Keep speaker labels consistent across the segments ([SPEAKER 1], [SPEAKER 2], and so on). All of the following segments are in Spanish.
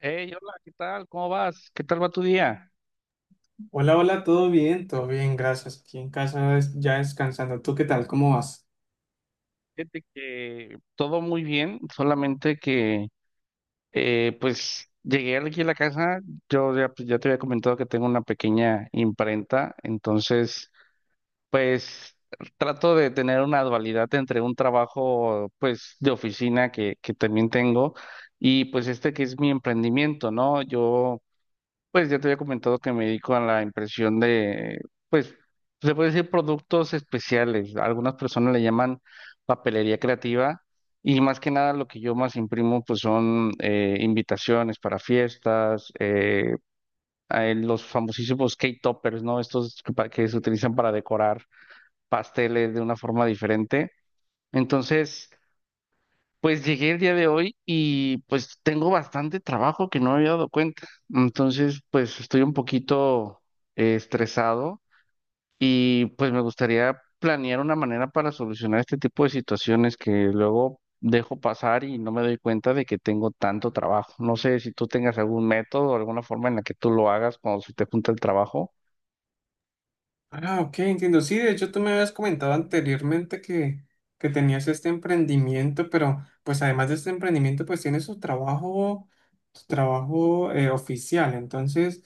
[SPEAKER 1] Hey, hola, ¿qué tal? ¿Cómo vas? ¿Qué tal va tu día?
[SPEAKER 2] Hola, hola, ¿todo bien? Todo bien, gracias. Aquí en casa ya descansando. ¿Tú qué tal? ¿Cómo vas?
[SPEAKER 1] Fíjate que todo muy bien, solamente que pues llegué aquí a la casa. Yo ya, pues, ya te había comentado que tengo una pequeña imprenta. Entonces, pues trato de tener una dualidad entre un trabajo pues de oficina que también tengo, y pues este que es mi emprendimiento, ¿no? Yo Pues ya te había comentado que me dedico a la impresión de, pues, se puede decir, productos especiales. Algunas personas le llaman papelería creativa, y más que nada lo que yo más imprimo pues son invitaciones para fiestas, los famosísimos cake toppers, ¿no? Estos que que se utilizan para decorar pasteles de una forma diferente. Entonces... Pues llegué el día de hoy y pues tengo bastante trabajo que no me había dado cuenta. Entonces, pues estoy un poquito estresado, y pues me gustaría planear una manera para solucionar este tipo de situaciones que luego dejo pasar y no me doy cuenta de que tengo tanto trabajo. No sé si tú tengas algún método o alguna forma en la que tú lo hagas cuando se te junta el trabajo.
[SPEAKER 2] Ah, ok, entiendo. Sí, de hecho tú me habías comentado anteriormente que tenías este emprendimiento, pero pues además de este emprendimiento, pues tienes tu trabajo oficial. Entonces,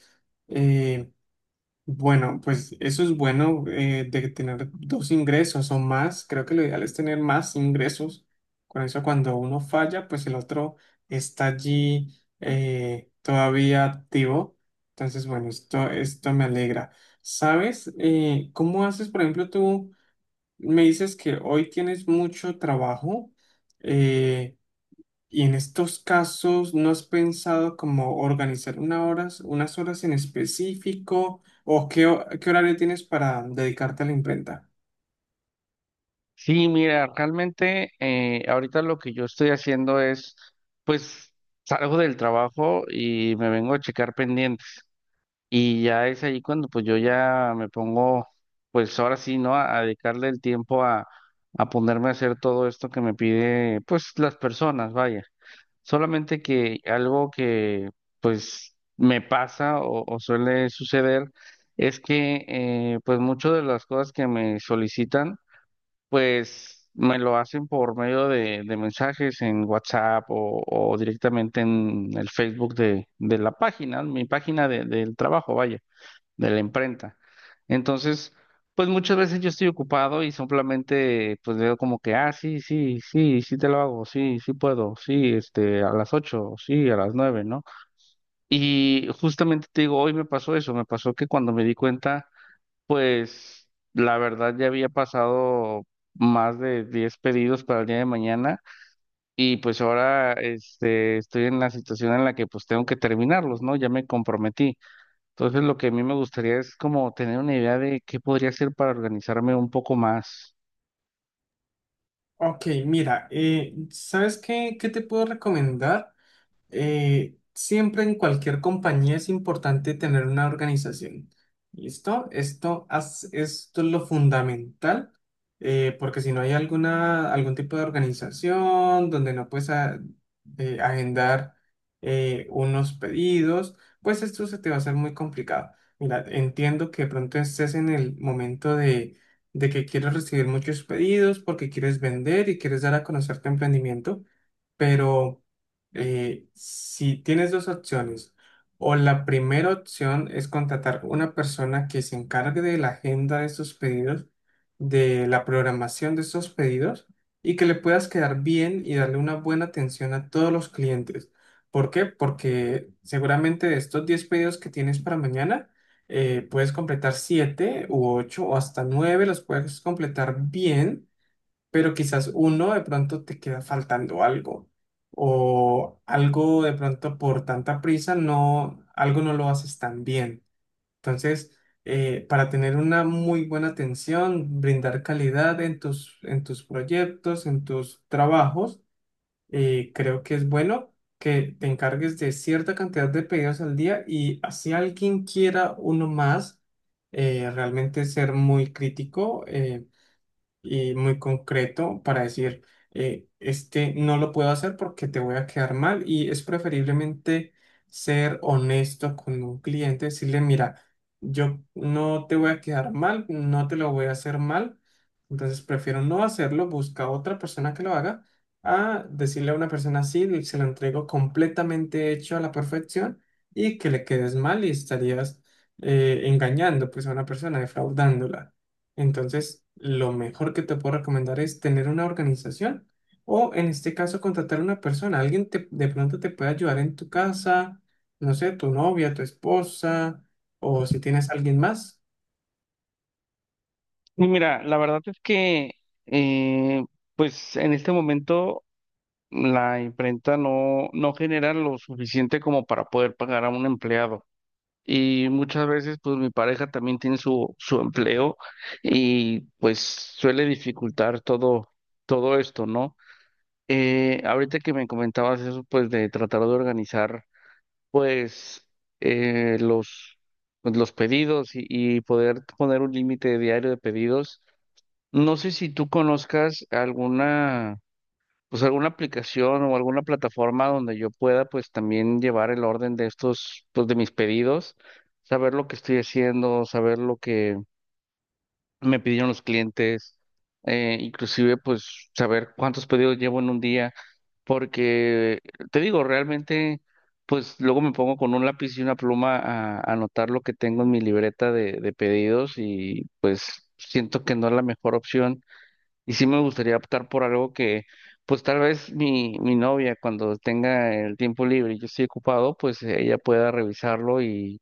[SPEAKER 2] eh, bueno, pues eso es bueno, de tener dos ingresos o más. Creo que lo ideal es tener más ingresos. Con eso, cuando uno falla, pues el otro está allí, todavía activo. Entonces, bueno, esto me alegra. ¿Sabes, cómo haces? Por ejemplo, tú me dices que hoy tienes mucho trabajo. eh, y en estos casos, ¿no has pensado como organizar una horas, unas horas en específico o qué horario tienes para dedicarte a la imprenta?
[SPEAKER 1] Sí, mira, realmente ahorita lo que yo estoy haciendo es, pues, salgo del trabajo y me vengo a checar pendientes. Y ya es ahí cuando pues yo ya me pongo, pues ahora sí, ¿no? A dedicarle el tiempo a ponerme a hacer todo esto que me pide, pues, las personas, vaya. Solamente que algo que pues me pasa o suele suceder es que pues muchas de las cosas que me solicitan, pues me lo hacen por medio de mensajes en WhatsApp o directamente en el Facebook de la página, mi página del trabajo, vaya, de la imprenta. Entonces, pues muchas veces yo estoy ocupado y simplemente pues veo como que, ah, sí, sí, sí, sí te lo hago, sí, sí puedo, sí, este, a las 8, sí, a las 9, ¿no? Y justamente te digo, hoy me pasó eso, me pasó que cuando me di cuenta, pues, la verdad, ya había pasado más de 10 pedidos para el día de mañana, y pues ahora, este, estoy en la situación en la que pues tengo que terminarlos, ¿no? Ya me comprometí. Entonces, lo que a mí me gustaría es como tener una idea de qué podría hacer para organizarme un poco más.
[SPEAKER 2] Ok, mira, ¿sabes qué te puedo recomendar? Siempre en cualquier compañía es importante tener una organización. ¿Listo? Esto, esto es lo fundamental, porque si no hay alguna, algún tipo de organización donde no puedes agendar unos pedidos, pues esto se te va a hacer muy complicado. Mira, entiendo que de pronto estés en el momento de que quieres recibir muchos pedidos porque quieres vender y quieres dar a conocer tu emprendimiento. Pero si tienes dos opciones, o la primera opción es contratar una persona que se encargue de la agenda de estos pedidos, de la programación de estos pedidos, y que le puedas quedar bien y darle una buena atención a todos los clientes. ¿Por qué? Porque seguramente de estos 10 pedidos que tienes para mañana, puedes completar 7 u ocho, o hasta 9 los puedes completar bien, pero quizás uno de pronto te queda faltando algo, o algo de pronto por tanta prisa no, algo no lo haces tan bien. Entonces, para tener una muy buena atención, brindar calidad en en tus proyectos, en tus trabajos, creo que es bueno que te encargues de cierta cantidad de pedidos al día, y así alguien quiera uno más, realmente ser muy crítico. Y muy concreto para decir, este no lo puedo hacer porque te voy a quedar mal, y es preferiblemente ser honesto con un cliente, decirle, mira, yo no te voy a quedar mal, no te lo voy a hacer mal, entonces prefiero no hacerlo, busca otra persona que lo haga, a decirle a una persona así, se lo entrego completamente hecho a la perfección y que le quedes mal, y estarías engañando pues a una persona, defraudándola. Entonces, lo mejor que te puedo recomendar es tener una organización, o en este caso contratar a una persona. Alguien de pronto te puede ayudar en tu casa, no sé, tu novia, tu esposa, o si tienes alguien más.
[SPEAKER 1] Y mira, la verdad es que eh, pues en este momento la imprenta no, no genera lo suficiente como para poder pagar a un empleado. Y muchas veces, pues, mi pareja también tiene su empleo, y pues suele dificultar todo, todo esto, ¿no? Ahorita que me comentabas eso, pues de tratar de organizar, pues, los, pues, los pedidos, y poder poner un límite diario de pedidos. No sé si tú conozcas alguna, pues, alguna aplicación o alguna plataforma donde yo pueda pues también llevar el orden de estos, pues, de mis pedidos, saber lo que estoy haciendo, saber lo que me pidieron los clientes, inclusive pues saber cuántos pedidos llevo en un día, porque, te digo, realmente pues luego me pongo con un lápiz y una pluma a anotar lo que tengo en mi libreta de pedidos y siento que no es la mejor opción, y sí me gustaría optar por algo que, pues, tal vez mi novia cuando tenga el tiempo libre y yo estoy ocupado, pues ella pueda revisarlo y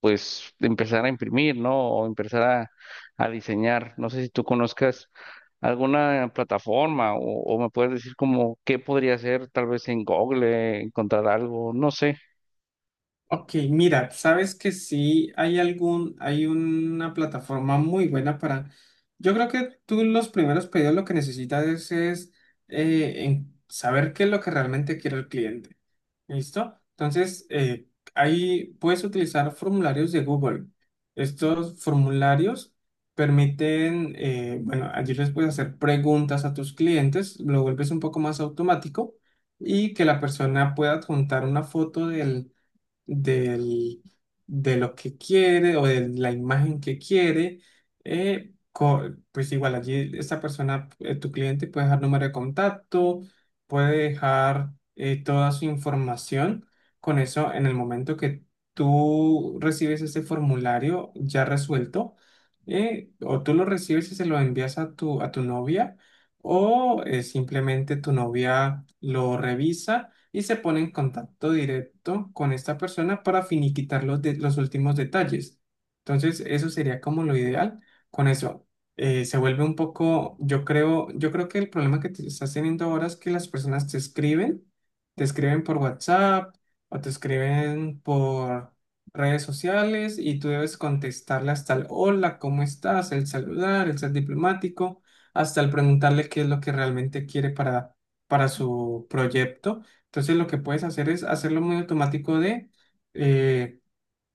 [SPEAKER 1] pues empezar a imprimir, ¿no? O empezar a, diseñar. No sé si tú conozcas alguna plataforma o me puedes decir como qué podría hacer, tal vez en Google, encontrar algo, no sé.
[SPEAKER 2] Ok, mira, sabes que sí hay algún, hay una plataforma muy buena para, yo creo que tú los primeros pedidos lo que necesitas es, en saber qué es lo que realmente quiere el cliente. ¿Listo? Entonces, ahí puedes utilizar formularios de Google. Estos formularios permiten, bueno, allí les puedes hacer preguntas a tus clientes, lo vuelves un poco más automático, y que la persona pueda adjuntar una foto del- de lo que quiere, o de la imagen que quiere. eh, co- pues igual allí esta persona, tu cliente puede dejar número de contacto, puede dejar, toda su información. Con eso, en el momento que tú recibes ese formulario ya resuelto, o tú lo recibes y se lo envías a a tu novia, o simplemente tu novia lo revisa y se pone en contacto directo con esta persona para finiquitar los últimos detalles. Entonces, eso sería como lo ideal. Con eso, se vuelve un poco, yo creo que el problema que te estás teniendo ahora es que las personas te escriben por WhatsApp, o te escriben por redes sociales, y tú debes contestarle hasta el hola, ¿cómo estás? El saludar, el ser diplomático, hasta el preguntarle qué es lo que realmente quiere para su proyecto. Entonces lo que puedes hacer es hacerlo muy automático eh,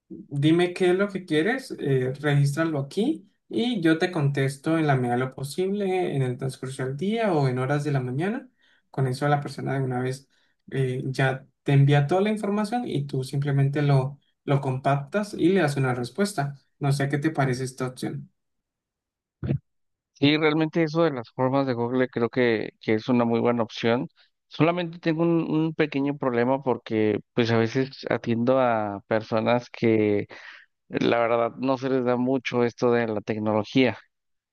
[SPEAKER 2] dime qué es lo que quieres, regístralo aquí y yo te contesto en la medida de lo posible, en el transcurso del día o en horas de la mañana. Con eso la persona de una vez, ya te envía toda la información y tú simplemente lo compactas y le das una respuesta. No sé qué te parece esta opción.
[SPEAKER 1] Sí, realmente eso de las formas de Google creo que es una muy buena opción. Solamente tengo un pequeño problema porque pues a veces atiendo a personas que la verdad no se les da mucho esto de la tecnología.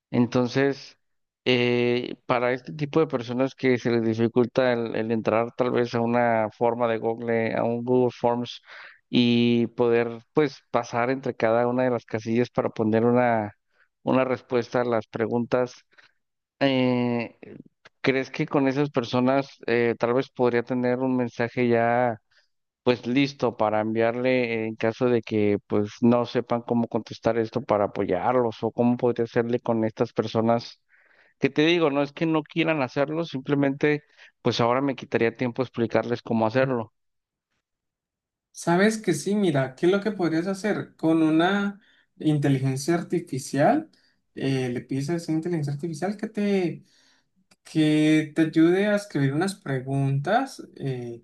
[SPEAKER 1] Entonces, para este tipo de personas que se les dificulta el entrar tal vez a una forma de Google, a un Google Forms, y poder pues pasar entre cada una de las casillas para poner una respuesta a las preguntas, eh, ¿crees que con esas personas, tal vez podría tener un mensaje ya, pues, listo para enviarle en caso de que pues no sepan cómo contestar esto, para apoyarlos? ¿O cómo podría hacerle con estas personas? Que, te digo, no es que no quieran hacerlo, simplemente pues ahora me quitaría tiempo explicarles cómo hacerlo.
[SPEAKER 2] Sabes que sí, mira, ¿qué es lo que podrías hacer? Con una inteligencia artificial, le pides a esa inteligencia artificial que te ayude a escribir unas preguntas,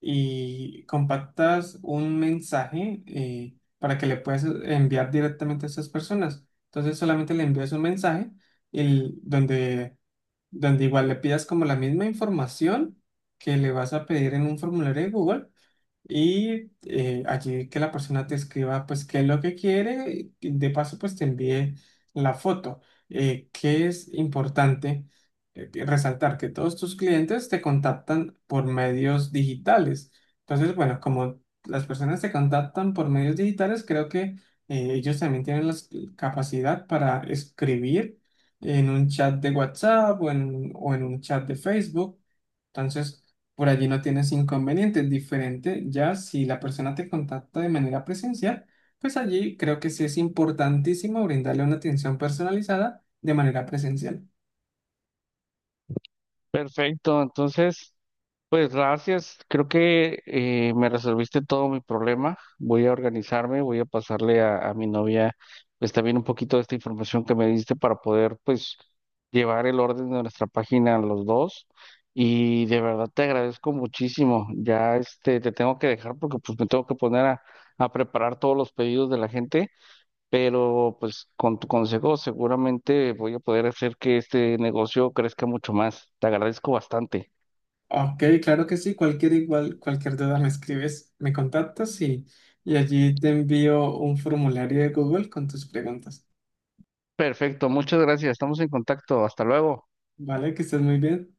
[SPEAKER 2] y compactas un mensaje, para que le puedas enviar directamente a esas personas. Entonces solamente le envías un mensaje el- donde, donde igual le pidas como la misma información que le vas a pedir en un formulario de Google, y allí que la persona te escriba, pues, qué es lo que quiere, y de paso, pues, te envíe la foto. ¿Qué es importante que resaltar? Que todos tus clientes te contactan por medios digitales. Entonces, bueno, como las personas te contactan por medios digitales, creo que, ellos también tienen la capacidad para escribir en un chat de WhatsApp, o en un chat de Facebook. Entonces, por allí no tienes inconvenientes. Diferente ya si la persona te contacta de manera presencial, pues allí creo que sí es importantísimo brindarle una atención personalizada de manera presencial.
[SPEAKER 1] Perfecto, entonces... Pues gracias, creo que me resolviste todo mi problema. Voy a organizarme, voy a pasarle a, mi novia pues también un poquito de esta información que me diste para poder, pues, llevar el orden de nuestra página a los dos. Y de verdad te agradezco muchísimo. Ya, este, te tengo que dejar porque pues me tengo que poner a, preparar todos los pedidos de la gente, pero pues con tu consejo seguramente voy a poder hacer que este negocio crezca mucho más. Te agradezco bastante.
[SPEAKER 2] Ok, claro que sí. Cualquier igual, cualquier duda me escribes, me contactas, y allí te envío un formulario de Google con tus preguntas.
[SPEAKER 1] Perfecto, muchas gracias. Estamos en contacto. Hasta luego.
[SPEAKER 2] Vale, que estés muy bien.